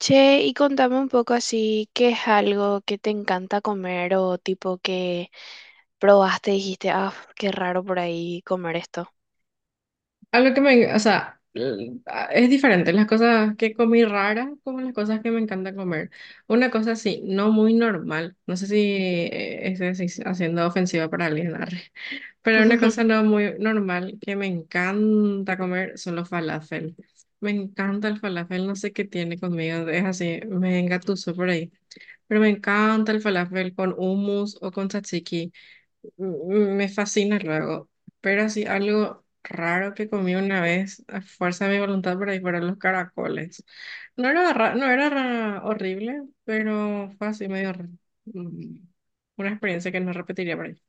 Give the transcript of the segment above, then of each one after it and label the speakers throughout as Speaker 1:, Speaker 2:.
Speaker 1: Che, y contame un poco así, ¿qué es algo que te encanta comer o tipo que probaste y dijiste, ah, qué raro por ahí comer esto?
Speaker 2: Algo que me, o sea, es diferente las cosas que comí raras como las cosas que me encanta comer. Una cosa así, no muy normal, no sé si estoy así haciendo ofensiva para alguien, arre. Pero una cosa no muy normal que me encanta comer son los falafel. Me encanta el falafel, no sé qué tiene conmigo, es así, me engatuso por ahí. Pero me encanta el falafel con hummus o con tzatziki. Me fascina luego, pero así algo raro que comí una vez a fuerza de mi voluntad por ahí fueron los caracoles. No era, ra- no era ra- horrible, pero fue así medio mm, una experiencia que no repetiría por ahí.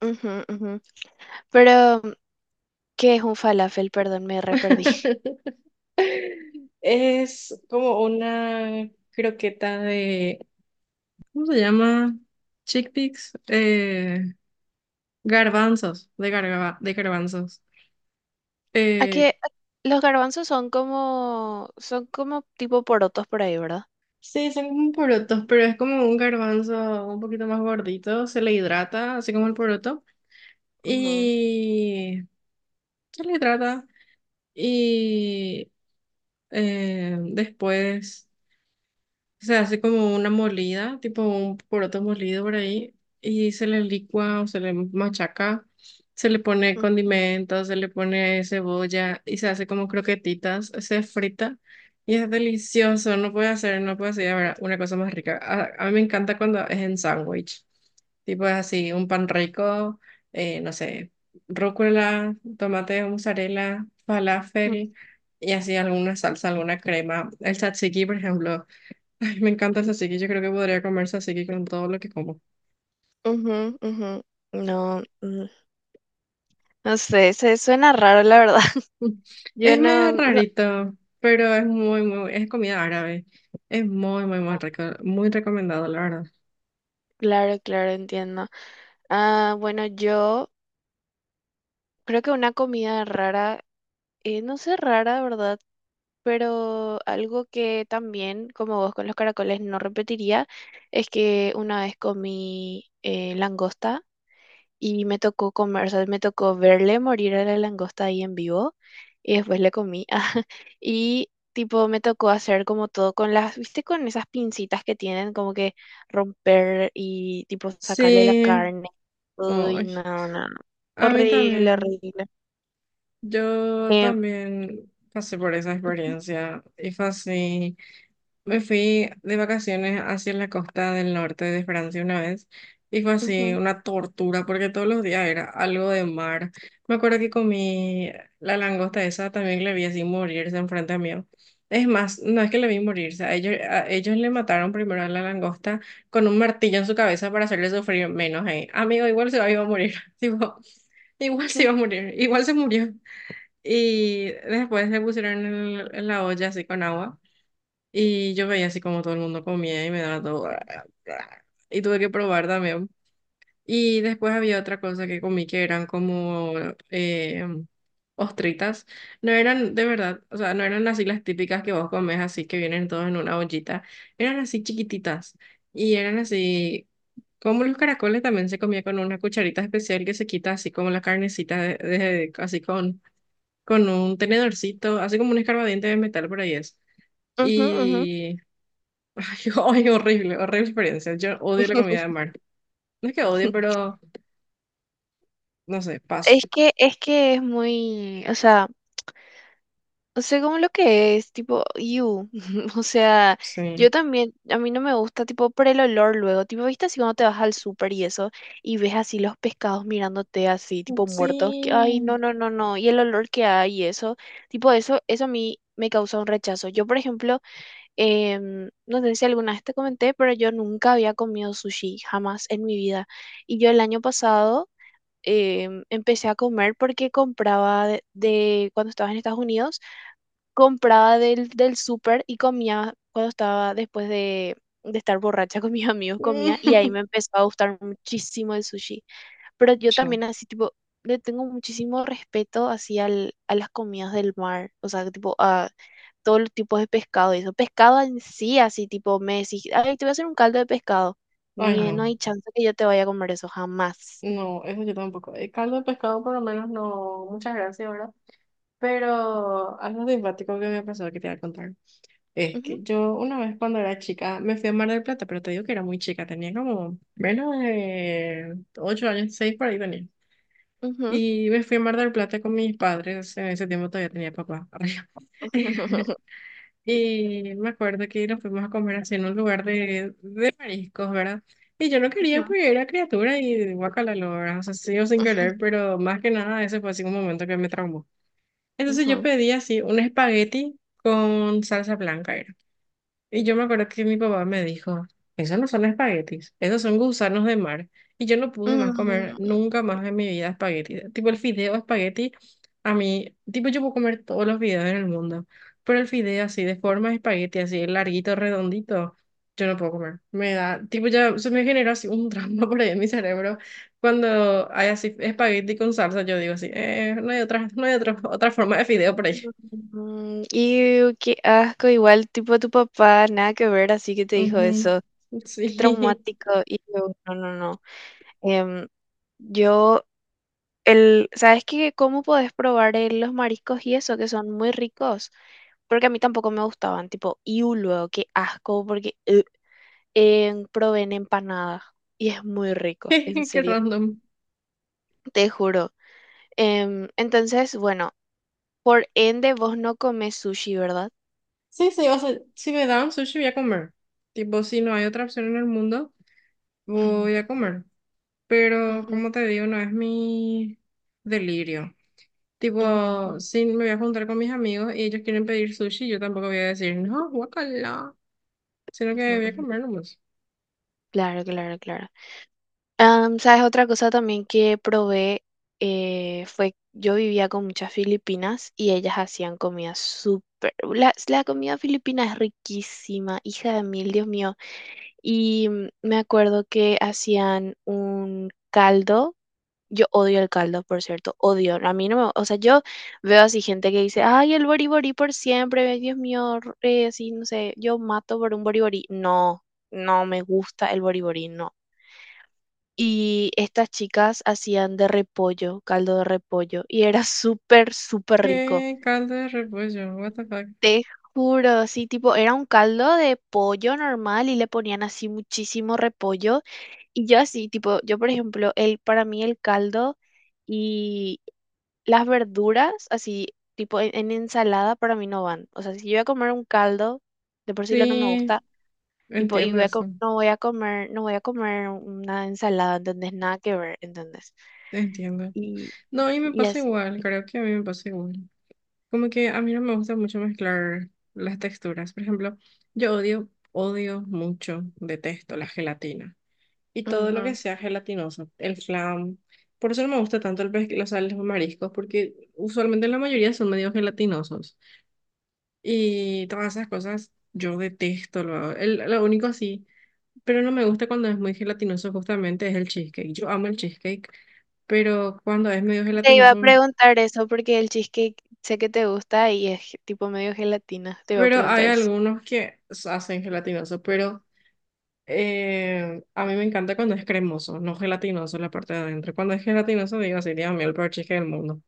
Speaker 1: Ujú, ujú. Pero, ¿qué es un falafel? Perdón, me re perdí.
Speaker 2: Es como una croqueta de, ¿cómo se llama? Chickpeas, garbanzos, de garbanzos.
Speaker 1: ¿A
Speaker 2: Eh,
Speaker 1: qué? Los garbanzos son como tipo porotos por ahí, ¿verdad?
Speaker 2: Sí, son como porotos, pero es como un garbanzo un poquito más gordito, se le hidrata, así como el poroto,
Speaker 1: Ujú,
Speaker 2: y se le hidrata y después se hace como una molida, tipo un poroto molido por ahí, y se le licua o se le machaca, se le pone condimentos, se le pone cebolla y se hace como croquetitas, se frita y es delicioso. No puede hacer, no puede hacer, ahora una cosa más rica. A mí me encanta cuando es en sándwich, tipo es así, un pan rico, no sé, rúcula, tomate, mozzarella,
Speaker 1: ujú,
Speaker 2: falafel y así alguna salsa, alguna crema. El tzatziki, por ejemplo. Ay, me encanta el tzatziki, yo creo que podría comer tzatziki con todo lo que como.
Speaker 1: ujú, ujú. No, no sé, se suena raro, la verdad.
Speaker 2: Mm.
Speaker 1: Yo
Speaker 2: Es
Speaker 1: no,
Speaker 2: medio
Speaker 1: no-
Speaker 2: rarito, pero es muy, muy, es comida árabe. Es muy, muy, muy rico, muy recomendado, la verdad.
Speaker 1: Claro, claro, entiendo. Ah, bueno, yo creo que una comida rara, no sé rara, ¿verdad? Pero algo que también, como vos con los caracoles, no repetiría, es que una vez comí langosta y me tocó comer, o sea, me tocó verle morir a la langosta ahí en vivo y después le comí. Y tipo, me tocó hacer como todo con las, ¿viste? Con esas pincitas que tienen, como que romper y tipo sacarle la
Speaker 2: Sí,
Speaker 1: carne. Uy, no,
Speaker 2: ay,
Speaker 1: no, no.
Speaker 2: a mí
Speaker 1: Horrible,
Speaker 2: también.
Speaker 1: horrible.
Speaker 2: Yo
Speaker 1: Eh,
Speaker 2: también pasé por esa experiencia y fue así. Me fui de vacaciones hacia la costa del norte de Francia una vez y fue así
Speaker 1: Ujú,
Speaker 2: una tortura porque todos los días era algo de mar. Me acuerdo que comí la langosta esa, también le vi así morirse enfrente mío. Es más, no es que le vi morirse, a ellos le mataron primero a la langosta con un martillo en su cabeza para hacerle sufrir menos. Amigo, igual se iba a morir, tipo, igual se iba a morir, igual se murió. Y después le pusieron en la olla así con agua. Y yo veía así como todo el mundo comía y me daba todo. Y tuve que probar también. Y después había otra cosa que comí que eran como eh, ostritas. No eran de verdad, o sea, no eran así las típicas que vos comes así que vienen todos en una ollita. Eran así chiquititas. Y eran así, como los caracoles también se comía con una cucharita especial que se quita así como la carnecita, así con un tenedorcito, así como un escarbadiente de metal por ahí es.
Speaker 1: ujú, ujú, ujú.
Speaker 2: Y Ay, ay, horrible, horrible experiencia. Yo odio la comida de mar. No es que odie, pero no sé, paso.
Speaker 1: Es que, es que es muy, o sea, no sé cómo lo que es, tipo, you, o sea,
Speaker 2: Sí.
Speaker 1: yo también, a mí no me gusta, tipo, por el olor luego, tipo, viste así cuando te vas al súper y eso, y ves así los pescados mirándote así, tipo, muertos, que, ay, no,
Speaker 2: Sí.
Speaker 1: no, no, no, y el olor que hay y eso, tipo, eso a mí me causa un rechazo. Yo, por ejemplo, no sé si alguna vez te comenté, pero yo nunca había comido sushi, jamás en mi vida. Y yo el año pasado empecé a comer porque compraba cuando estaba en Estados Unidos, compraba del súper y comía cuando estaba después de estar borracha con mis amigos, comía y ahí me empezó a gustar muchísimo el sushi. Pero yo
Speaker 2: Ya.
Speaker 1: también así tipo... Le tengo muchísimo respeto así al a las comidas del mar, o sea, tipo a todos los tipos de pescado y eso. Pescado en sí, así tipo, me decís, ay, te voy a hacer un caldo de pescado.
Speaker 2: Ay,
Speaker 1: Ni,
Speaker 2: no.
Speaker 1: no hay chance que yo te vaya a comer eso jamás.
Speaker 2: No, eso yo tampoco. El caldo de pescado por lo menos no. Muchas gracias, ¿verdad? Pero algo simpático que me pasó que te voy a contar. Es
Speaker 1: Ujú,
Speaker 2: que yo una vez cuando era chica me fui a Mar del Plata, pero te digo que era muy chica, tenía como menos de 8 años, 6 por ahí tenía.
Speaker 1: ujú,
Speaker 2: Y me fui a Mar del Plata con mis padres, en ese tiempo todavía tenía papá. Y me acuerdo que nos fuimos a comer así en un lugar de mariscos, ¿verdad? Y yo no quería, pues era criatura y guacala, lo, ¿verdad? O sea, sí o sin querer, pero más que nada ese fue así un momento que me traumó. Entonces
Speaker 1: ujú, ujú.
Speaker 2: yo pedí así un espagueti con salsa blanca, y yo me acuerdo que mi papá me dijo, esos no son espaguetis, esos son gusanos de mar. Y yo no pude más comer
Speaker 1: Mm,
Speaker 2: nunca más en mi vida espagueti. Tipo el fideo espagueti, a mí, tipo yo puedo comer todos los fideos en el mundo, pero el fideo así de forma de espagueti, así larguito, redondito, yo no puedo comer. Me da, tipo ya se me generó así un trauma por ahí en mi cerebro. Cuando hay así espagueti con salsa, yo digo así, no hay otra, no hay otra, otra forma de fideo por ahí.
Speaker 1: iu, qué asco, igual tipo tu papá, nada que ver, así que te dijo eso.
Speaker 2: Ujú,
Speaker 1: Qué
Speaker 2: sí,
Speaker 1: traumático. Y no, no, no. Em, yo ¿sabes qué? ¿Cómo podés probar los mariscos y eso, que son muy ricos? Porque a mí tampoco me gustaban, tipo, y luego, qué asco, porque probé en empanadas y es muy rico, en
Speaker 2: qué
Speaker 1: serio,
Speaker 2: random.
Speaker 1: te juro. Em, entonces, bueno, por ende vos no comes sushi, ¿verdad?
Speaker 2: Sí, sí, o sea, si me dan sushi voy a comer. Tipo, si no hay otra opción en el mundo,
Speaker 1: Ujú,
Speaker 2: voy a comer. Pero,
Speaker 1: ujú,
Speaker 2: como te digo, no es mi delirio.
Speaker 1: ujú,
Speaker 2: Tipo,
Speaker 1: ujú,
Speaker 2: si me voy a juntar con mis amigos y ellos quieren pedir sushi, yo tampoco voy a decir, no, guacala, sino
Speaker 1: ujú.
Speaker 2: que voy a
Speaker 1: Ujú.
Speaker 2: comer nomás.
Speaker 1: Claro, claro, claro. Am, ¿sabes? Otra cosa también que probé fue, yo vivía con muchas filipinas y ellas hacían comida súper, la comida filipina es riquísima, hija de mil, Dios mío. Y me acuerdo que hacían un caldo, yo odio el caldo, por cierto, odio, a mí no me, o sea, yo veo así gente que dice, ay, el boriborí por siempre, ay, Dios mío, así, no sé, yo mato por un boriborí, no, no me gusta el boriborí, no. Y estas chicas hacían de repollo, caldo de repollo, y era súper, súper rico.
Speaker 2: ¿Qué caldo de repollo? What the fuck?
Speaker 1: Te juro, sí, tipo, era un caldo de pollo normal y le ponían así muchísimo repollo. Y yo así, tipo, yo por ejemplo, para mí el caldo y las verduras, así, tipo, en ensalada para mí no van. O sea, si yo voy a comer un caldo, de por sí lo no me
Speaker 2: Sí,
Speaker 1: gusta. Tipo, y
Speaker 2: entiendo
Speaker 1: voy
Speaker 2: eso,
Speaker 1: no voy a comer, no voy a comer una ensalada, ¿entendés? Nada que ver, ¿entendés?
Speaker 2: entiendo. No, y me
Speaker 1: Y
Speaker 2: pasa
Speaker 1: así.
Speaker 2: igual, creo que a mí me pasa igual. Como que a mí no me gusta mucho mezclar las texturas. Por ejemplo, yo odio, odio mucho, detesto la gelatina y todo lo que
Speaker 1: Ujú.
Speaker 2: sea gelatinoso, el flan. Por eso no me gusta tanto el o sea, los mariscos, porque usualmente la mayoría son medio gelatinosos. Y todas esas cosas yo detesto. Lo único así, pero no me gusta cuando es muy gelatinoso justamente es el cheesecake. Yo amo el cheesecake, pero cuando es medio
Speaker 1: Te iba a
Speaker 2: gelatinoso,
Speaker 1: preguntar eso porque el cheesecake sé que te gusta y es tipo medio gelatina. Te iba a
Speaker 2: pero
Speaker 1: preguntar
Speaker 2: hay
Speaker 1: eso.
Speaker 2: algunos que hacen gelatinoso, pero... a mí me encanta cuando es cremoso, no gelatinoso la parte de adentro. Cuando es gelatinoso, digo así, Dios mío, el peor cheesecake del mundo.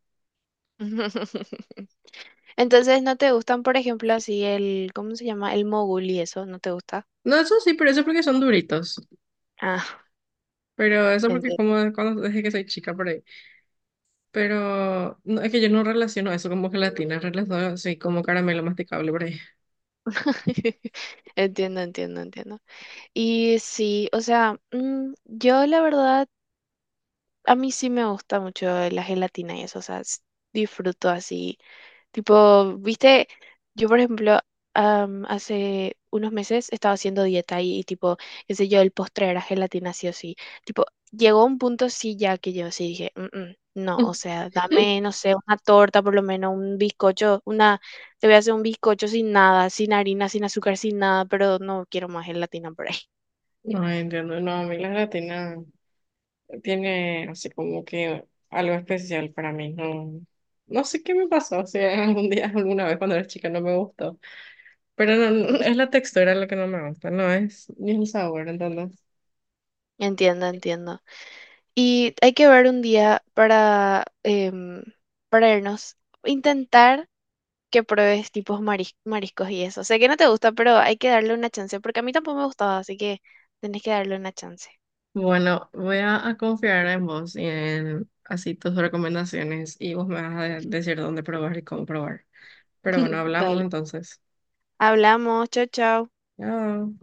Speaker 1: Entonces, ¿no te gustan, por ejemplo, así el, ¿cómo se llama? El mogul y eso, ¿no te gusta?
Speaker 2: No, eso sí, pero eso es porque son duritos.
Speaker 1: Ah,
Speaker 2: Pero eso porque
Speaker 1: entiendo.
Speaker 2: como de cuando desde que soy chica por ahí. Pero no, es que yo no relaciono eso como gelatina, relaciono así como caramelo masticable por ahí.
Speaker 1: Entiendo, entiendo, entiendo. Y sí, o sea, yo la verdad, a mí sí me gusta mucho la gelatina y eso, o sea, disfruto así. Tipo, viste, yo por ejemplo, am, hace unos meses estaba haciendo dieta y tipo, qué sé yo, el postre era gelatina sí o sí. Tipo, llegó un punto sí ya que yo sí dije, "Mm, mm, no, o sea, dame, no sé, una torta por lo menos, un bizcocho, una, te voy a hacer un bizcocho sin nada, sin harina, sin azúcar, sin nada, pero no quiero más gelatina por ahí.
Speaker 2: No entiendo, no, a mí la gelatina tiene así como que algo especial para mí. No, no sé qué me pasó, si algún día, alguna vez cuando era chica no me gustó. Pero no, es la textura lo que no me gusta, no es ni el sabor, entonces.
Speaker 1: Entiendo, entiendo. Y hay que ver un día para, em, para irnos, intentar que pruebes tipos mariscos y eso. Sé que no te gusta, pero hay que darle una chance, porque a mí tampoco me gustaba, así que tenés que darle una chance.
Speaker 2: Bueno, a confiar en vos y en así tus recomendaciones y vos me vas a decir dónde probar y cómo probar. Pero bueno, hablamos
Speaker 1: Dale.
Speaker 2: entonces.
Speaker 1: Hablamos, chao, chao.
Speaker 2: Chao.